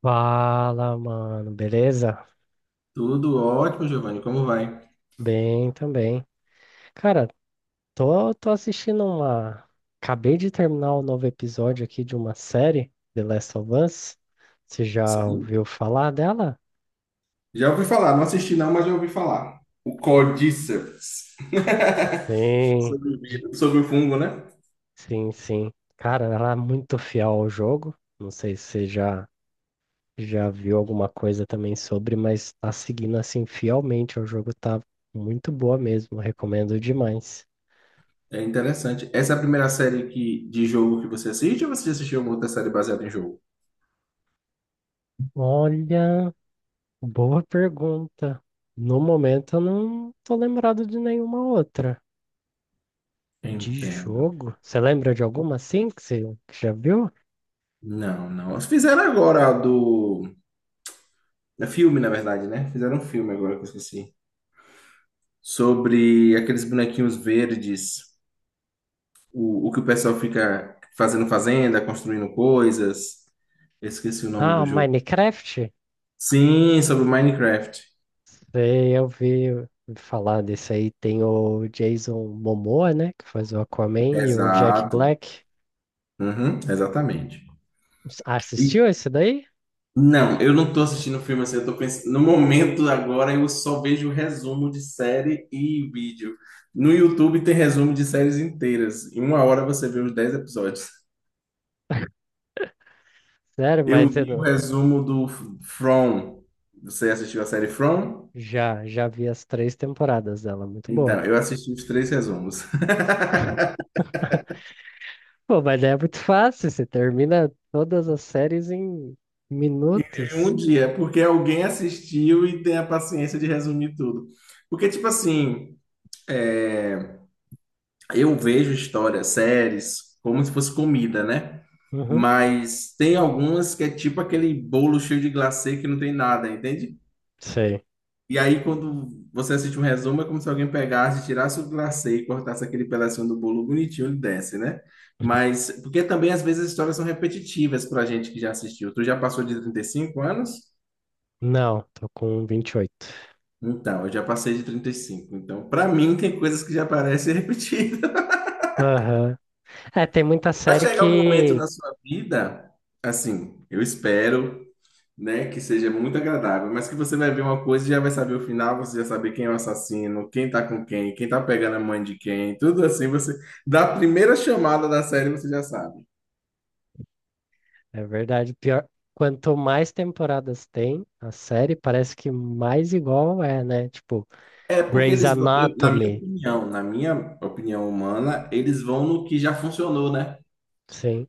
Fala, mano, beleza? Tudo ótimo, Giovanni. Como vai? Bem também. Cara, tô assistindo uma. Acabei de terminar o novo episódio aqui de uma série, The Last of Us. Você já Sim. ouviu falar dela? Já ouvi falar, não assisti não, mas já ouvi falar. O Cordyceps. Sim, Sobre o vírus, sobre o fungo, né? sim, sim. Cara, ela é muito fiel ao jogo. Não sei se você já viu alguma coisa também sobre, mas tá seguindo assim fielmente ao jogo, tá muito boa mesmo. Recomendo demais. É interessante. Essa é a primeira série de jogo que você assiste, ou você já assistiu alguma outra série baseada em jogo? Olha. Boa pergunta. No momento eu não tô lembrado de nenhuma outra. De Entendo. jogo? Você lembra de alguma assim que já viu? Não, não. Fizeram agora a do. É filme, na verdade, né? Fizeram um filme agora que eu esqueci. Sobre aqueles bonequinhos verdes, o que o pessoal fica fazendo, fazenda, construindo coisas. Eu esqueci o nome Ah, do jogo. Minecraft? Sim, sobre o Minecraft. Sei, eu vi ouvi falar desse aí. Tem o Jason Momoa, né? Que faz o Aquaman e o Jack Exato. Black. Uhum, exatamente. Ah, E- assistiu esse daí? não, eu não tô assistindo filme, assim, eu tô pensando. No momento agora eu só vejo resumo de série e vídeo. No YouTube tem resumo de séries inteiras. Em uma hora você vê os 10 episódios. Sério, mas Eu eu vi o não. resumo do From. Você assistiu a série From? Já vi as três temporadas dela, muito Então, boa. eu assisti os 3 resumos. Pô, mas daí é muito fácil, você termina todas as séries em Em minutos. um dia, porque alguém assistiu e tem a paciência de resumir tudo. Porque, tipo assim. é, eu vejo histórias, séries, como se fosse comida, né? Uhum, Mas tem algumas que é tipo aquele bolo cheio de glacê que não tem nada, entende? sei. E aí, quando você assiste um resumo, é como se alguém pegasse, tirasse o glacê e cortasse aquele pedacinho do bolo bonitinho e desse, né? Mas, porque também às vezes as histórias são repetitivas pra gente que já assistiu. Tu já passou de 35 anos? Não, tô com 28. Então, eu já passei de 35. Então, pra mim, tem coisas que já parecem repetidas. Aham. É, tem muita Vai série chegar um momento que. na sua vida, assim, eu espero, né, que seja muito agradável, mas que você vai ver uma coisa e já vai saber o final, você já saber quem é o assassino, quem tá com quem, quem tá pegando a mãe de quem, tudo assim, você, da primeira chamada da série você já sabe. É verdade. Pior. Quanto mais temporadas tem a série, parece que mais igual é, né? Tipo, É porque Grey's eles vão, Anatomy. Na minha opinião humana, eles vão no que já funcionou, né? Sim.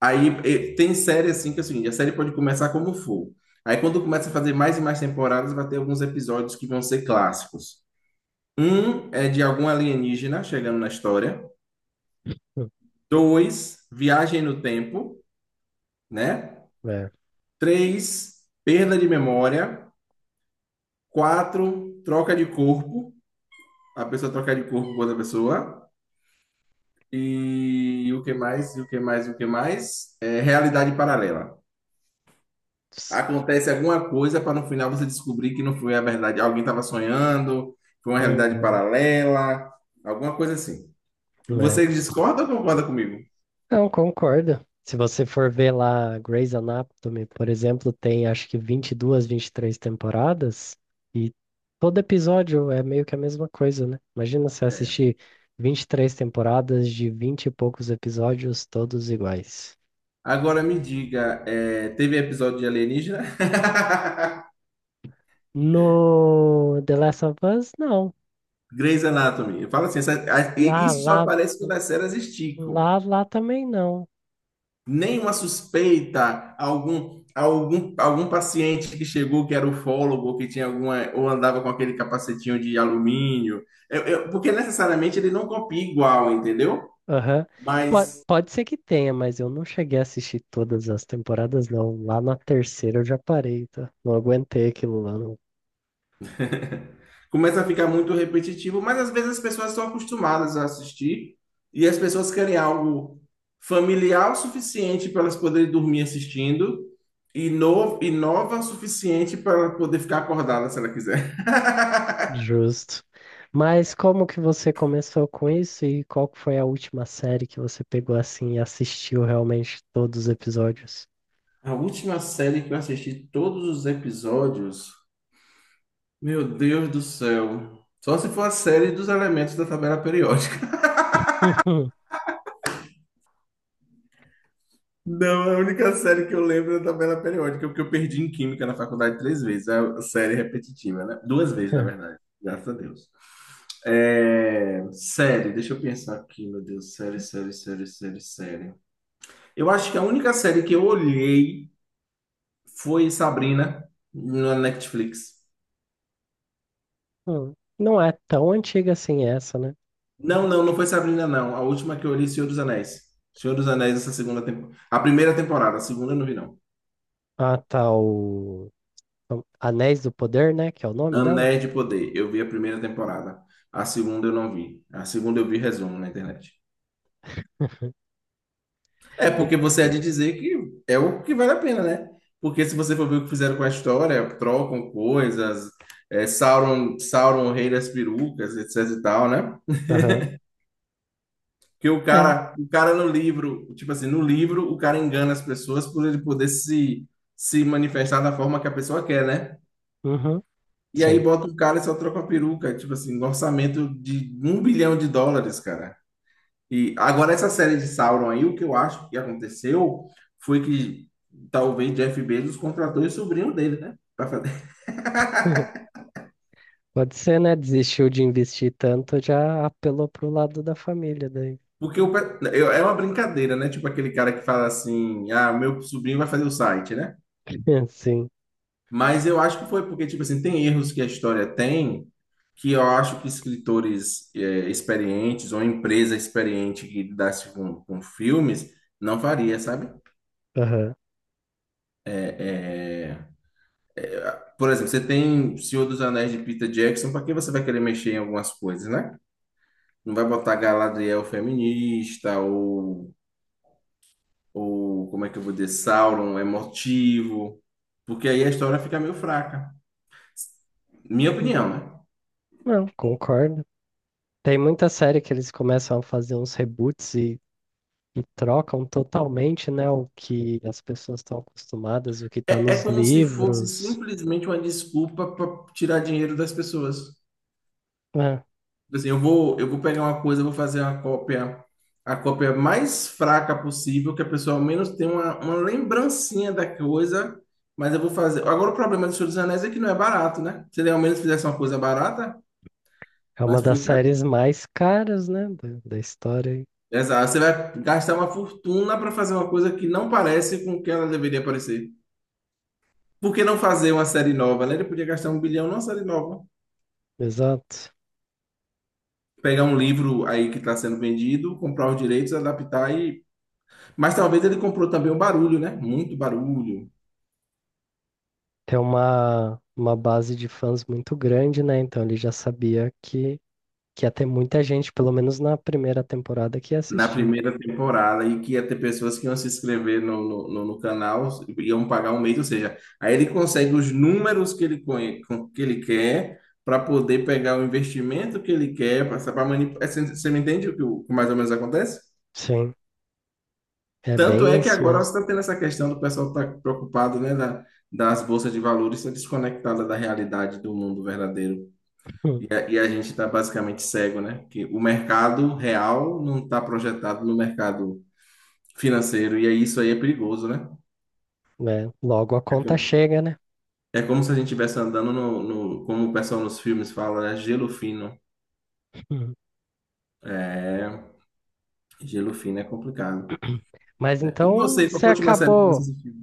Tem série assim que, assim, a série pode começar como for. Aí quando começa a fazer mais e mais temporadas, vai ter alguns episódios que vão ser clássicos. Um é de algum alienígena chegando na história. Hum. Dois, viagem no tempo, né? É. Três, perda de memória. Quatro, troca de corpo. A pessoa trocar de corpo com outra pessoa. E o que mais? E o que mais? E o que mais? É realidade paralela. Ps- Acontece alguma coisa para no final você descobrir que não foi a verdade. Alguém estava sonhando, foi uma realidade Uhum. paralela, alguma coisa assim. Né? Você discorda ou concorda comigo? Não, concordo. Se você for ver lá Grey's Anatomy, por exemplo, tem acho que 20 22 23 temporadas e todo episódio é meio que a mesma coisa, né? Imagina se assistir 23 temporadas de 20 e poucos episódios, todos iguais. Agora me diga, é, teve episódio de alienígena? No The Last of Us, não. Grey's Anatomy. Fala assim, Lá, isso só lá, aparece quando as séries esticam. lá, lá também não. Nenhuma suspeita, algum paciente que chegou que era ufólogo, que tinha alguma, ou andava com aquele capacetinho de alumínio. Porque necessariamente ele não copia igual, entendeu? Aham. Mas Pode ser que tenha, mas eu não cheguei a assistir todas as temporadas, não. Lá na terceira eu já parei, tá? Não aguentei aquilo lá, não. começa a ficar muito repetitivo, mas às vezes as pessoas estão acostumadas a assistir e as pessoas querem algo familiar o suficiente para elas poderem dormir assistindo e, no, e nova o suficiente para ela poder ficar acordada se ela quiser. Justo. Mas como que você começou com isso e qual que foi a última série que você pegou assim e assistiu realmente todos os episódios? A última série que eu assisti todos os episódios, meu Deus do céu. Só se for a série dos elementos da tabela periódica. Uhum. Não, a única série que eu lembro é da tabela periódica, porque eu perdi em química na faculdade 3 vezes. É a série repetitiva, né? Duas vezes, na verdade, graças a Deus. Deixa eu pensar aqui, meu Deus, série. Eu acho que a única série que eu olhei foi Sabrina, na Netflix. Hum. Não é tão antiga assim essa, né? Não, não, foi Sabrina, não. A última que eu olhei, Senhor dos Anéis. Senhor dos Anéis, essa segunda temporada. A primeira temporada, a segunda eu não vi, não. Ah, tá, o Anéis do Poder, né? Que é o nome dela? Anéis de Poder. Eu vi a primeira temporada. A segunda eu não vi. A segunda eu vi resumo na internet. É E- porque você é de dizer que é o que vale a pena, né? Porque se você for ver o que fizeram com a história, trocam coisas, é, Sauron, o rei das perucas, etc e tal, né? Aham. Que o É. cara, o cara no livro, tipo assim, no livro o cara engana as pessoas por ele poder se, se manifestar da forma que a pessoa quer, né? Uhum. E aí Sim. bota o cara e só troca a peruca, tipo assim, um orçamento de 1 bilhão de dólares, cara. E agora essa série de Sauron aí, o que eu acho que aconteceu foi que talvez Jeff Bezos contratou o sobrinho dele, né? Pra fazer. Pode ser, né? Desistiu de investir tanto, já apelou pro lado da família daí. Porque é uma brincadeira, né? Tipo aquele cara que fala assim, ah, meu sobrinho vai fazer o site, né? Sim. Mas eu acho que foi porque, tipo assim, tem erros que a história tem que eu acho que escritores experientes, ou empresa experiente que lidasse com filmes, não faria, sabe? Aham. É, é, Por exemplo, você tem Senhor dos Anéis de Peter Jackson, para que você vai querer mexer em algumas coisas, né? Não vai botar Galadriel feminista, ou como é que eu vou dizer, Sauron emotivo, porque aí a história fica meio fraca. Minha Hum, opinião, né? não, concordo. Tem muita série que eles começam a fazer uns reboots e trocam totalmente, né? O que as pessoas estão acostumadas, o que está É é nos como se fosse livros. simplesmente uma desculpa para tirar dinheiro das pessoas. É, Tipo assim, eu vou pegar uma coisa, eu vou fazer uma cópia, a cópia mais fraca possível, que a pessoa ao menos tenha uma lembrancinha da coisa, mas eu vou fazer. Agora, o problema do Senhor dos Anéis é que não é barato, né? Se ele ao menos fizesse uma coisa barata, é mas uma das foi caríssimo. séries mais caras, né? Da história. Aí. Exato, você vai gastar uma fortuna para fazer uma coisa que não parece com o que ela deveria parecer. Por que não fazer uma série nova, né? Ele podia gastar 1 bilhão numa série nova. Exato. Pegar um livro aí que está sendo vendido, comprar os direitos, adaptar e mas talvez ele comprou também o barulho, né? Muito barulho Tem uma base de fãs muito grande, né? Então ele já sabia que ia ter muita gente, pelo menos na primeira temporada, que ia na assistir. primeira temporada, e que ia ter pessoas que iam se inscrever no canal, iam pagar 1 mês, ou seja, aí ele consegue os números que ele, que ele quer, para poder pegar o investimento que ele quer, para manipular. Você me entende mais ou menos acontece? Sim, é Tanto bem é que isso agora você mesmo. está tendo essa questão do pessoal estar preocupado, né, das bolsas de valores ser desconectada da realidade do mundo verdadeiro. Hum, E a gente está basicamente cego, né? Que o mercado real não está projetado no mercado financeiro, e aí isso aí é perigoso, né? né? Logo a É, conta co- chega, né? É como se a gente estivesse andando no, como o pessoal nos filmes fala, né? Gelo fino. Hum. É, gelo fino é complicado. Mas Né? E então você, qual foi a última série que você assistiu?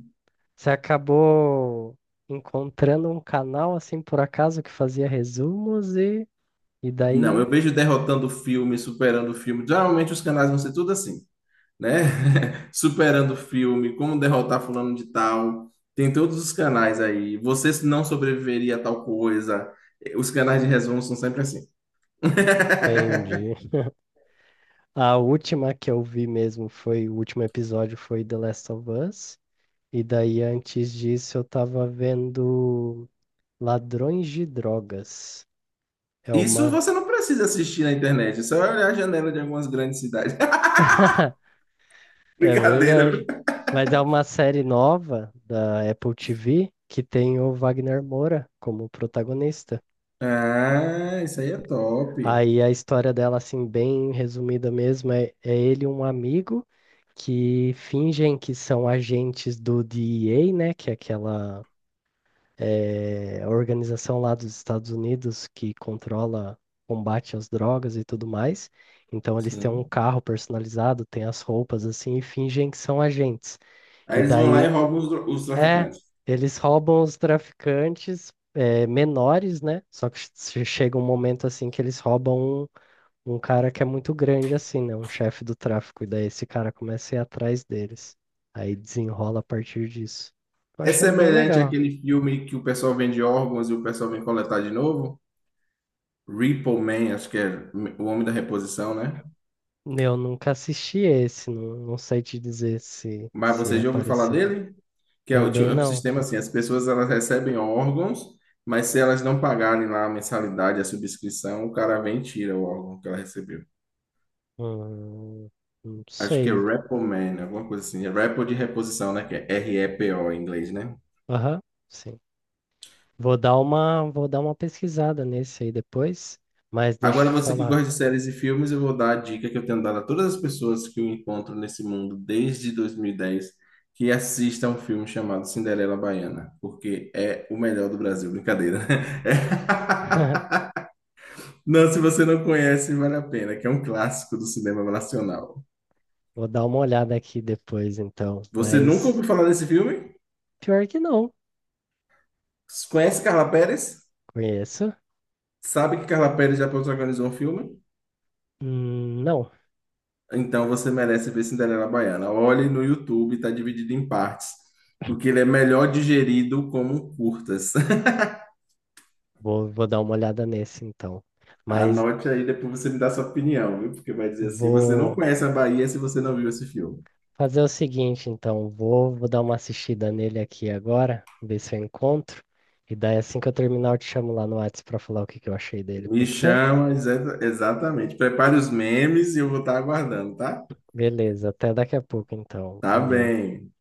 você acabou encontrando um canal assim por acaso que fazia resumos e Não, eu daí vejo derrotando o filme, superando o filme. Geralmente os canais vão ser tudo assim, né? Superando o filme, como derrotar fulano de tal. Tem todos os canais aí. Você não sobreviveria a tal coisa. Os canais de resumo são sempre assim. entendi. A última que eu vi mesmo foi, o último episódio foi The Last of Us. E daí antes disso eu tava vendo Ladrões de Drogas. É Isso uma você não precisa assistir na internet. É só olhar a janela de algumas grandes cidades. é Brincadeira, viu? verdade. Mas é uma série nova da Apple TV que tem o Wagner Moura como protagonista. Ah, isso aí é top. Aí a história dela, assim, bem resumida mesmo, é, é ele e um amigo que fingem que são agentes do DEA, né? Que é aquela organização lá dos Estados Unidos que controla combate às drogas e tudo mais. Então eles têm um Sim. carro personalizado, têm as roupas assim e fingem que são agentes. Aí E eles vão lá e daí roubam os, os é, traficantes. eles roubam os traficantes é, menores, né? Só que chega um momento assim que eles roubam um cara que é muito grande, assim, né? Um chefe do tráfico. E daí esse cara começa a ir atrás deles. Aí desenrola a partir disso. Tô É achando bem semelhante legal. àquele filme que o pessoal vende órgãos e o pessoal vem coletar de novo? Repo Man, acho que é o homem da reposição, né? Eu nunca assisti esse, não, não sei te dizer se, Mas se você é já ouviu falar parecida. dele? Que é Também é um não. sistema assim, as pessoas, elas recebem órgãos, mas se elas não pagarem lá a mensalidade, a subscrição, o cara vem e tira o órgão que ela recebeu. Hum, não Acho que é sei. Repoman, alguma coisa assim. É Repo de reposição, né? Que é R-E-P-O em inglês, né? Aham, sim. Vou dar vou dar uma pesquisada nesse aí depois, mas deixa eu Agora, te você que gosta falar. de séries e filmes, eu vou dar a dica que eu tenho dado a todas as pessoas que eu encontro nesse mundo desde 2010, que assista um filme chamado Cinderela Baiana, porque é o melhor do Brasil. Brincadeira, né? Não, se você não conhece, vale a pena, que é um clássico do cinema nacional. Vou dar uma olhada aqui depois, então. Você nunca ouviu Mas falar desse filme? pior que não, Conhece Carla Perez? conheço. Sabe que Carla Perez já protagonizou um filme? Não, Então você merece ver Cinderela Baiana. Olhe no YouTube, está dividido em partes, porque ele é melhor digerido como um curtas. Vou dar uma olhada nesse, então. Mas Anote aí, depois você me dá sua opinião, viu? Porque vai dizer assim: você não vou conhece a Bahia se você não viu esse filme. fazer o seguinte, então. Vou dar uma assistida nele aqui agora, ver se eu encontro. E daí, assim que eu terminar, eu te chamo lá no WhatsApp pra falar o que que eu achei dele, Me pode ser? chama, exatamente. Prepare os memes e eu vou estar aguardando, tá? Beleza, até daqui a pouco, então. Tá Valeu. bem.